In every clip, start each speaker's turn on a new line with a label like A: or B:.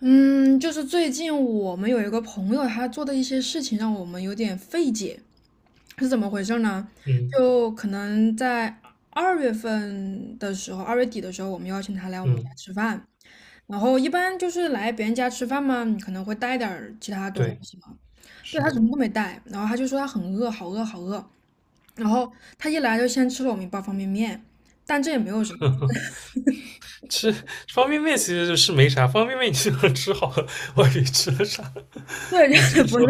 A: 嗯，就是最近我们有一个朋友，他做的一些事情让我们有点费解，是怎么回事呢？
B: 嗯
A: 就可能在2月底的时候，我们邀请他来我们家
B: 嗯，
A: 吃饭，然后一般就是来别人家吃饭嘛，你可能会带点儿其他东
B: 对，
A: 西嘛。对，
B: 是
A: 他什
B: 的，
A: 么都没带，然后他就说他很饿，好饿，好饿。然后他一来就先吃了我们一包方便面，但这也没有什么。
B: 吃方便面其实是没啥，方便面你就能吃好了，我以吃了啥？
A: 对，
B: 你这
A: 就
B: 一
A: 不
B: 说，
A: 是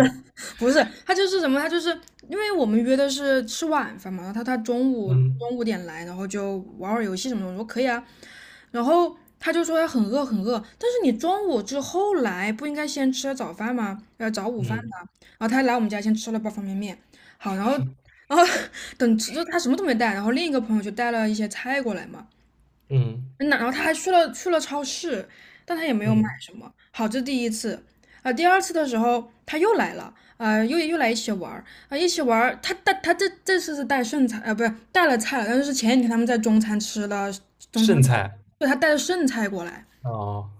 A: 不是，他就是因为我们约的是吃晚饭嘛，然后他他中午中
B: 嗯
A: 午点来，然后就玩会儿游戏什么的，我说可以啊。然后他就说他很饿很饿，但是你中午之后来不应该先吃早饭吗？要早午饭的。
B: 嗯
A: 然后他来我们家先吃了包方便面，好，然后 等吃就他什么都没带，然后另一个朋友就带了一些菜过来嘛，
B: 嗯
A: 然后他还去了超市，但他也没有买
B: 嗯，
A: 什么。好，这第一次。啊、第二次的时候他又来了，又来一起玩儿。啊、一起玩儿。他这次是带剩菜，啊，不是带了菜了，但是前几天他们在中餐吃了中餐
B: 剩
A: 馆。
B: 菜
A: 对，他带了剩菜过来。
B: 哦。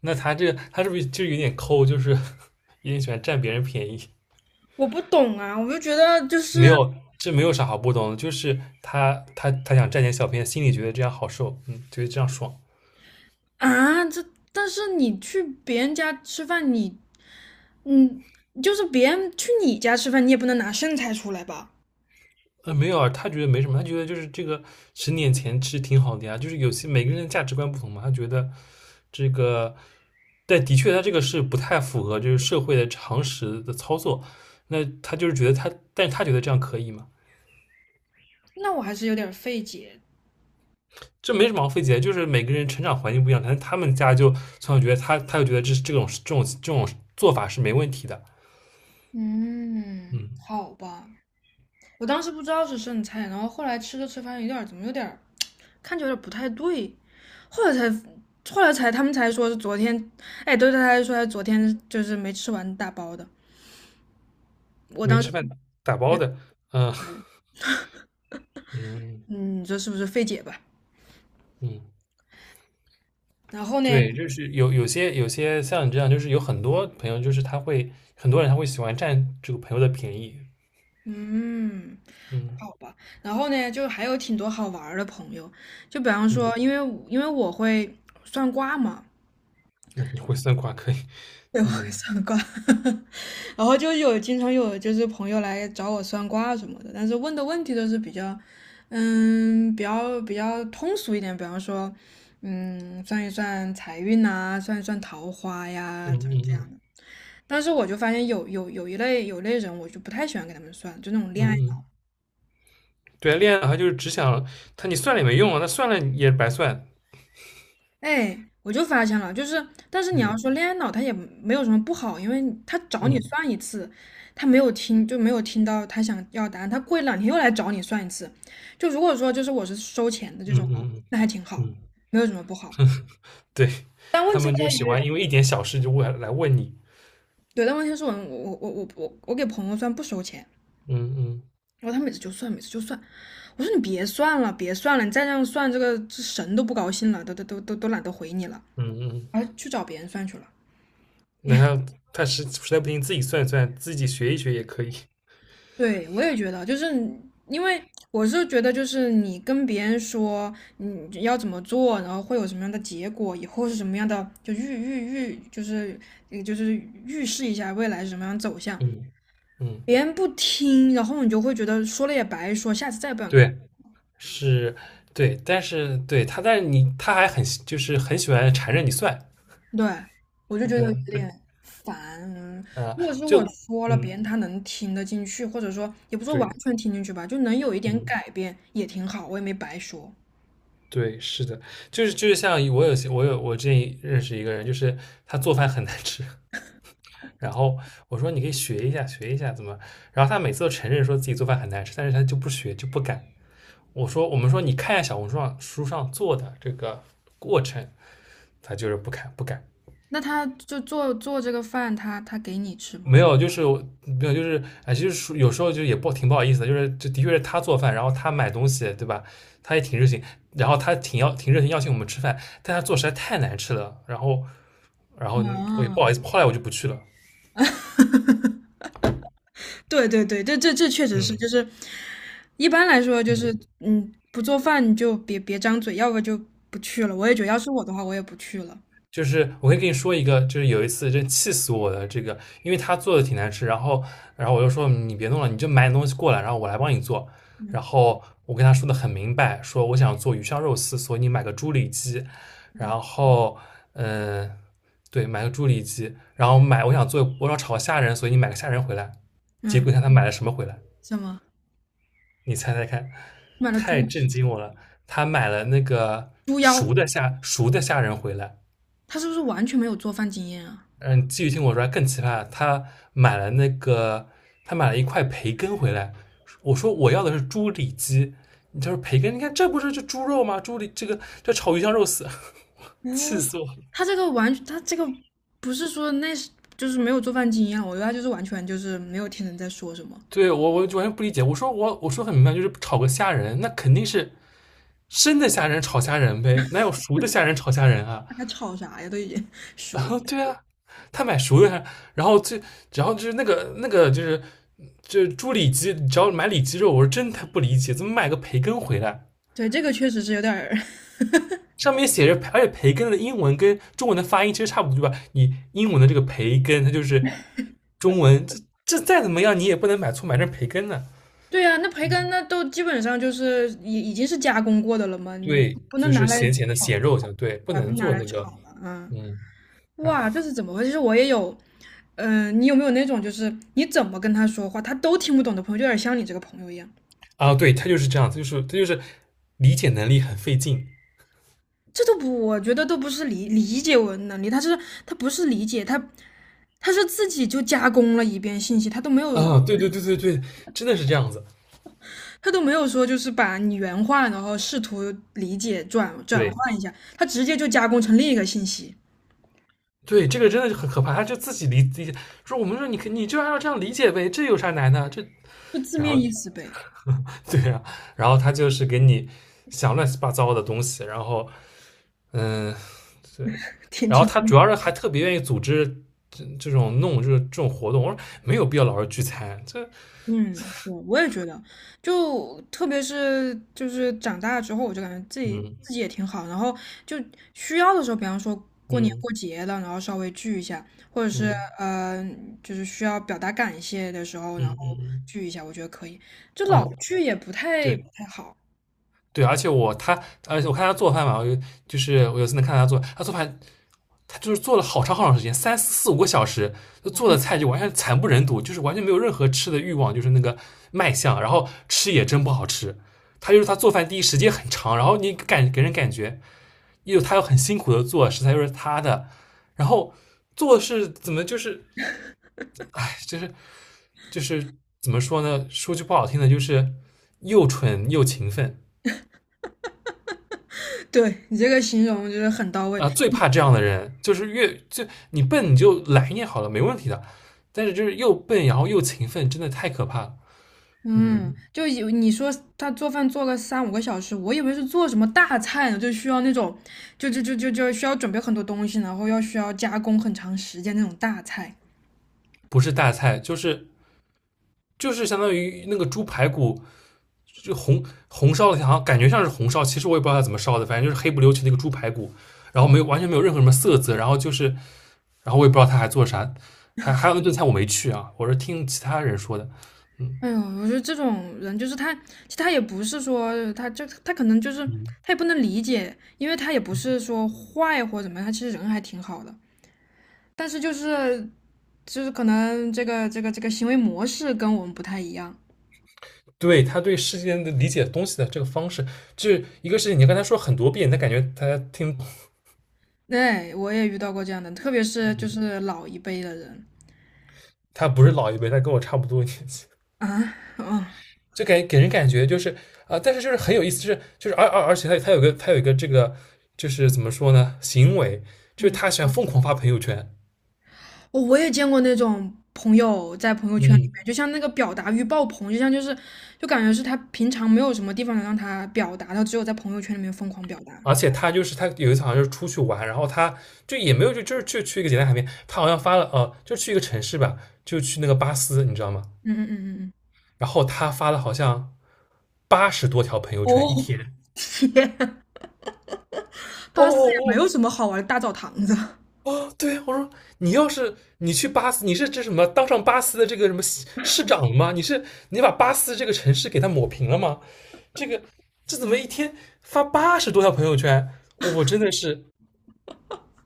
B: 那他是不是就有点抠，就是有点喜欢占别人便宜？
A: 我不懂啊，我就觉得就
B: 没
A: 是
B: 有，这没有啥好不懂的，就是他想占点小便宜，心里觉得这样好受，嗯，觉得这样爽。
A: 啊，但是你去别人家吃饭，你嗯，就是别人去你家吃饭，你也不能拿剩菜出来吧？
B: 没有啊，他觉得没什么，他觉得就是这个10年前其实挺好的呀，就是有些每个人的价值观不同嘛。他觉得这个，但的确他这个是不太符合就是社会的常识的操作。那他就是觉得他，但是他觉得这样可以嘛。
A: 那我还是有点儿费解。
B: 这没什么好费解的，就是每个人成长环境不一样，但是他们家就从小觉得他，他就觉得这种做法是没问题的。
A: 嗯，
B: 嗯，
A: 好吧，我当时不知道是剩菜，然后后来吃着吃发现有点儿看着有点儿不太对，后来才后来才他们才说是昨天。哎，对，他才说他昨天就是没吃完大包的，我
B: 没
A: 当时
B: 吃饭打包的，嗯嗯
A: 嗯，你说是不是费解吧？
B: 嗯。
A: 然后呢，
B: 对，就是有些像你这样，就是有很多朋友，就是他会很多人他会喜欢占这个朋友的便宜。
A: 嗯，
B: 嗯
A: 好吧。然后呢，就还有挺多好玩儿的朋友，就比方
B: 嗯，
A: 说，因为我会算卦嘛。
B: 你会算卦可以。
A: 对，我会
B: 嗯
A: 算卦。然后就有经常有就是朋友来找我算卦什么的，但是问的问题都是比较通俗一点，比方说，算一算财运呐、算一算桃花呀，
B: 嗯
A: 怎
B: 嗯
A: 么这样
B: 嗯
A: 的。但是我就发现有一类人，我就不太喜欢给他们算，就那种恋
B: 嗯
A: 爱。
B: 嗯，对啊，恋爱脑他就是只想你算了也没用啊，那算了也白算。
A: 哎，我就发现了，就是，但是你要
B: 嗯
A: 说恋爱脑，他也没有什么不好，因为他找你
B: 嗯
A: 算一次，他没有听就没有听到他想要答案，他过一两天又来找你算一次。就如果说就是我是收钱的这
B: 嗯
A: 种，
B: 嗯嗯
A: 那还挺好，
B: 嗯，
A: 没有什么不好。
B: 对，
A: 但问
B: 他
A: 题
B: 们就
A: 在
B: 喜
A: 于，
B: 欢因为一点小事就问来问你。
A: 对，但问题是我给朋友算不收钱，
B: 嗯嗯
A: 然后他每次就算，每次就算，我说你别算了，别算了，你再这样算，这个这神都不高兴了，都懒得回你了，
B: 嗯嗯，
A: 而去找别人算去了。
B: 那他实在不行自己算一算，自己学一学也可以。
A: 对，我也觉得，就是因为我是觉得，就是你跟别人说你要怎么做，然后会有什么样的结果，以后是什么样的，就预预预，就是呃就是预示一下未来是什么样的走向。
B: 嗯嗯，
A: 别人不听，然后你就会觉得说了也白说，下次再也不想干。
B: 对。是，对。但是对他，但是他还很就是很喜欢缠着你算，
A: 对，我就觉得有
B: 嗯，对，
A: 点烦。嗯
B: 啊，
A: 如果是我
B: 就
A: 说了，别
B: 嗯，
A: 人他能听得进去，或者说也不说完
B: 对，
A: 全听进去吧，就能有一点
B: 嗯，
A: 改变也挺好，我也没白说。
B: 对，是的。就是像我有些我有我之前认识一个人，就是他做饭很难吃，然后我说你可以学一下学一下怎么，然后他每次都承认说自己做饭很难吃，但是他就不学就不敢。我说我们说你看一下小红书上做的这个过程，他就是不看不敢。
A: 那他就做做这个饭，他给你吃吗？
B: 没有，就是没有，就是哎，其实说有时候就也不挺不好意思的，就是这的确是他做饭，然后他买东西，对吧？他也挺热情，然后他挺热情邀请我们吃饭，但他做实在太难吃了，然后然后我也不好
A: 啊，
B: 意思，后来我就不去了。
A: 对对对，这确实是，就
B: 嗯
A: 是一般来说就是
B: 嗯，
A: 嗯，不做饭你就别张嘴，要不就不去了。我也觉得，要是我的话，我也不去了。
B: 就是我可以跟你说一个，就是有一次真气死我的这个。因为他做的挺难吃，然后我就说你别弄了，你就买点东西过来，然后我来帮你做。然
A: 嗯
B: 后我跟他说的很明白，说我想做鱼香肉丝，所以你买个猪里脊，
A: 嗯
B: 然后嗯、呃对，买个猪里脊，然后买我想做我想炒虾仁，所以你买个虾仁回来。结果
A: 嗯，
B: 你看他买了什么回来？
A: 什么？
B: 你猜猜看，
A: 买了
B: 太
A: 猪
B: 震惊
A: 蹄、
B: 我了！他买了那个
A: 猪腰，
B: 熟的虾仁回来。
A: 他是不是完全没有做饭经验啊？
B: 嗯，继续听我说更奇葩，买了那个，他买了一块培根回来。我说我要的是猪里脊，他说培根，你看这不是就猪肉吗？猪里这个这炒鱼香肉丝，
A: 哦，
B: 气死我了！
A: 他这个不是说那是就是没有做饭经验，我觉得他就是完全就是没有听人在说什么。
B: 对我完全不理解。我说我说很明白，就是炒个虾仁，那肯定是生的虾仁炒虾仁呗，哪有熟的虾仁炒虾仁啊？
A: 他在吵啥呀？都已经 熟。
B: 对啊，他买熟的。然后就是那个就是猪里脊，只要买里脊肉，我是真他不理解，怎么买个培根回来？
A: 对，这个确实是有点儿。
B: 上面写着，而且培根的英文跟中文的发音其实差不多，对吧？你英文的这个培根，它就是中文，这再怎么样，你也不能买错买成培根呢。
A: 对啊，那培根那都基本上就是已经是加工过的了嘛，你
B: 对，
A: 不能
B: 就
A: 拿
B: 是
A: 来
B: 咸咸的
A: 炒，
B: 咸肉，像对，不
A: 对啊，不
B: 能
A: 能拿
B: 做
A: 来
B: 那个。
A: 炒吧啊。嗯，
B: 嗯，啊
A: 哇，这是怎么回事？其实我也有，你有没有那种就是你怎么跟他说话，他都听不懂的朋友，就有点像你这个朋友一样。
B: 对，他就是这样，他就是理解能力很费劲
A: 这都不，我觉得都不是理解我的能力，他不是理解，他是自己就加工了一遍信息，他都没有
B: 啊，对对对对对，真的是这样子。
A: 他都没有说就是把你原话，然后试图理解转转
B: 对
A: 换一下，他直接就加工成另一个信息，
B: 对，这个真的是很可怕。他就自己理解，说我们说你就按照这样理解呗，这有啥难的？这
A: 就字
B: 然后
A: 面意思呗。
B: 对啊，然后他就是给你想乱七八糟的东西。然后嗯对，
A: 挺
B: 然后
A: 挺，
B: 他主要是还特别愿意组织这种活动。我说没有必要老是聚餐，这
A: 嗯，我也觉得，就特别是就是长大之后，我就感觉自己自
B: 嗯
A: 己也挺好，然后就需要的时候，比方说过年
B: 嗯
A: 过节了，然后稍微聚一下，或者是
B: 嗯
A: 呃，就是需要表达感谢的时候，
B: 嗯
A: 然后
B: 嗯嗯，
A: 聚一下，我觉得可以。就老
B: 哦
A: 聚也不太不
B: 对。
A: 太好。
B: 对，而且我他，而且我看他做饭嘛。我有次能看他做，他做饭。他就是做了好长好长时间，三四四五个小时，就做的菜就完全惨不忍睹，就是完全没有任何吃的欲望，就是那个卖相，然后吃也真不好吃。他就是他做饭第一时间很长，然后给人感觉又他又很辛苦的做，食材又是他的，然后做是怎么就是哎就是怎么说呢？说句不好听的，就是又蠢又勤奋。
A: 对你这个形容就是很到位。
B: 啊，最怕这样的人，就是越就你笨你就懒一点好了，没问题的。但是就是又笨然后又勤奋，真的太可怕了。
A: 嗯，嗯
B: 嗯，
A: 就以为你说他做饭做个三五个小时，我以为是做什么大菜呢，就需要那种，就需要准备很多东西，然后需要加工很长时间那种大菜。
B: 不是大菜，就是相当于那个猪排骨就红烧的，好像感觉像是红烧，其实我也不知道它怎么烧的，反正就是黑不溜秋的一个猪排骨，然后没有完全没有任何什么色泽，然后我也不知道他还做啥，还有那顿菜我没去啊，我是听其他人说的。嗯
A: 哎呦，我觉得这种人就是他，其实他也不是说他就他可能就是
B: 嗯。
A: 他也不能理解，因为他也不是说坏或怎么样，他其实人还挺好的，但是就是可能这个行为模式跟我们不太一样。
B: 对他对世件的理解东西的这个方式，就是一个事情，你跟他说很多遍，他感觉他听。
A: 对，我也遇到过这样的，特别是就是老一辈的人。
B: 他不是老一辈，他跟我差不多年纪，
A: 啊，嗯
B: 就给人感觉就是啊、但是就是很有意思。就是而且他有一个这个就是怎么说呢，行为就是
A: 嗯，
B: 他喜欢疯狂发朋友圈。
A: 我也见过那种朋友在朋友圈里
B: 嗯，
A: 面，就像那个表达欲爆棚，就感觉是他平常没有什么地方能让他表达，他只有在朋友圈里面疯狂表达。
B: 而且他就是他有一次好像就是出去玩，然后他就也没有就就是就去一个简单海边，他好像发了就去一个城市吧，就去那个巴斯，你知道吗？
A: 嗯嗯嗯嗯嗯。
B: 然后他发了好像八十多条朋友圈一
A: 哦，
B: 天。
A: 天，
B: 哦
A: 巴斯也没有
B: 哦
A: 什么好玩的大澡堂子，
B: 哦对，我说你要是去巴斯，你是这什么当上巴斯的这个什么市长了吗？你是你把巴斯这个城市给它抹平了吗？这个这怎么一天发八十多条朋友圈？我真的是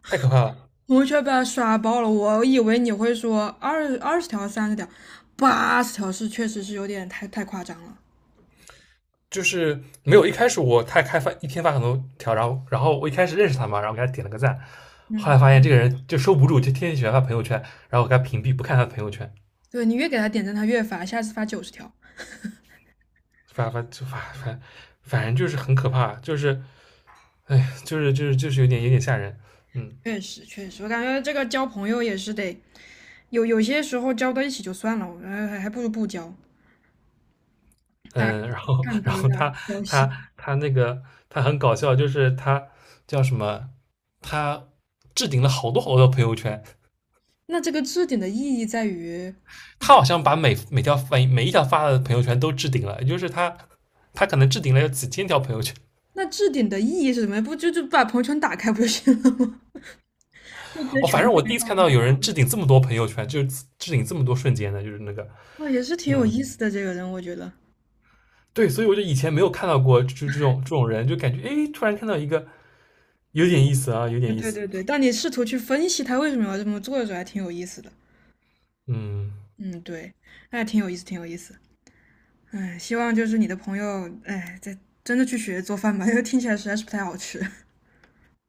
B: 太可怕了。
A: 朋友圈被他刷爆了。我以为你会说二十条、30条，80条是确实是有点太夸张了。
B: 就是没有一开始我太开发一天发很多条，然后我一开始认识他嘛，然后给他点了个赞，后
A: 嗯，
B: 来发现这个人就收不住，就天天喜欢发朋友圈，然后给他屏蔽，不看他的朋友圈。
A: 对你越给他点赞，他越发，下次发90条。
B: 反反就反反反正就是很可怕。就是哎，就是有点吓人。嗯
A: 确实，确实，我感觉这个交朋友也是得有些时候交到一起就算了，我还不如不交，大家
B: 嗯，然后
A: 看多有点
B: 他
A: 儿交
B: 他
A: 心。
B: 他那个他很搞笑，就是他叫什么，他置顶了好多好多朋友圈，
A: 那这个置顶的意义在于，
B: 他好像把每一条发的朋友圈都置顶了，也就是他可能置顶了有几千条朋友圈。
A: 那置顶的意义是什么？不就把朋友圈打开不就行了吗？就直接
B: 哦，
A: 全
B: 反正我第
A: 开
B: 一次
A: 上
B: 看
A: 了。
B: 到有人置顶这么多朋友圈，就是置顶这么多瞬间的，就是那个
A: 哦，也是挺有
B: 嗯。
A: 意思的这个人，我觉得。
B: 对，所以我就以前没有看到过就这种这种人，就感觉哎诶，突然看到一个有点意思啊，有
A: 啊，
B: 点意
A: 对
B: 思。
A: 对对，当你试图去分析他为什么要这么做的时候，还挺有意思的。
B: 嗯，
A: 嗯，对，那还挺有意思，挺有意思。哎，希望就是你的朋友，哎，在真的去学做饭吧，因为听起来实在是不太好吃。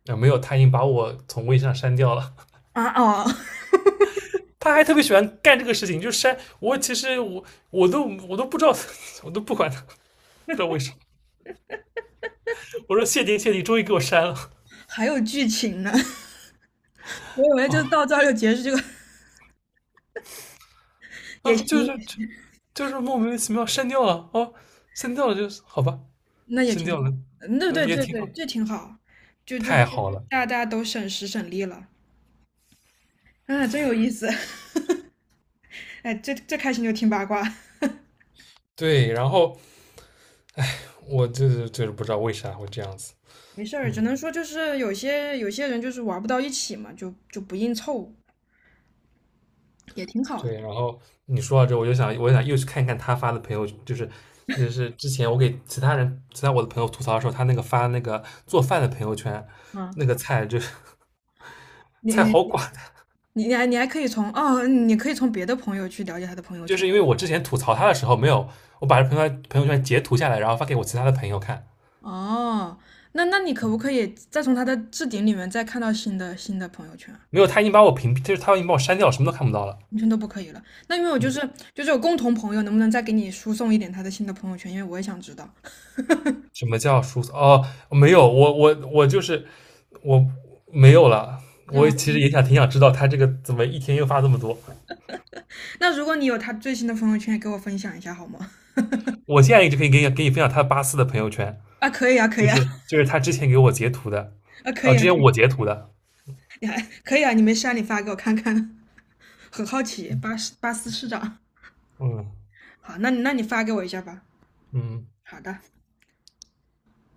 B: 啊，没有，他已经把我从微信上删掉了。
A: 啊哦，
B: 他还特别喜欢干这个事情，就删我。其实我都我都不知道，我都不管他，不知道为什么。我说谢天谢地，终于给我删了。
A: 还有剧情呢。我以为就
B: 哦
A: 到这儿就结束，这个也
B: 啊，就
A: 行，
B: 是就是莫名其妙删掉了哦，删掉了就是好吧，
A: 那也
B: 删
A: 挺
B: 掉了，
A: 好。那
B: 嗯、
A: 对
B: 也
A: 对对
B: 挺
A: 对
B: 好，
A: 这挺好，就就
B: 太
A: 就
B: 好了。
A: 大家都省时省力了，啊，真有意思。哎，这开心就听八卦，
B: 对，然后我就是不知道为啥会这样子。
A: 没事儿，只
B: 嗯。
A: 能说就是有些人就是玩不到一起嘛，就不硬凑，也挺好的。
B: 对，然后你说到这，我就想又去看一看他发的朋友，就是那是之前我给其他人、其他我的朋友吐槽的时候，他发那个做饭的朋友圈，
A: 啊。
B: 那个菜就是
A: 你
B: 菜
A: 你
B: 好寡。
A: 你可以从别的朋友去了解他的朋友
B: 就
A: 圈。
B: 是因为我之前吐槽他的时候没有，我把这朋友圈截图下来，然后发给我其他的朋友看。
A: 哦，那你可不可以再从他的置顶里面再看到新的朋友圈？
B: 没有，他已经把我屏蔽，就是他已经把我删掉，什么都看不到了。
A: 完全都不可以了。那因为我就
B: 嗯，
A: 是就是有共同朋友，能不能再给你输送一点他的新的朋友圈？因为我也想知道。
B: 什么叫疏散？哦，没有，我就是我没有了。我
A: 嗯，
B: 其实也想挺想知道他这个怎么一天又发这么多。
A: 那如果你有他最新的朋友圈，也给我分享一下好吗？
B: 我现在一直可以给你分享他84的朋友圈，
A: 啊，可以啊，可
B: 就
A: 以啊，
B: 是就是他之前给我截图的，
A: 啊，可
B: 哦，
A: 以
B: 之
A: 啊，
B: 前
A: 可
B: 我
A: 以，
B: 截图的，
A: 你还可以啊，你没事啊，你发给我看看，很好奇。巴斯巴斯市长，
B: 嗯
A: 好，那你你发给我一下吧。
B: 嗯，
A: 好的。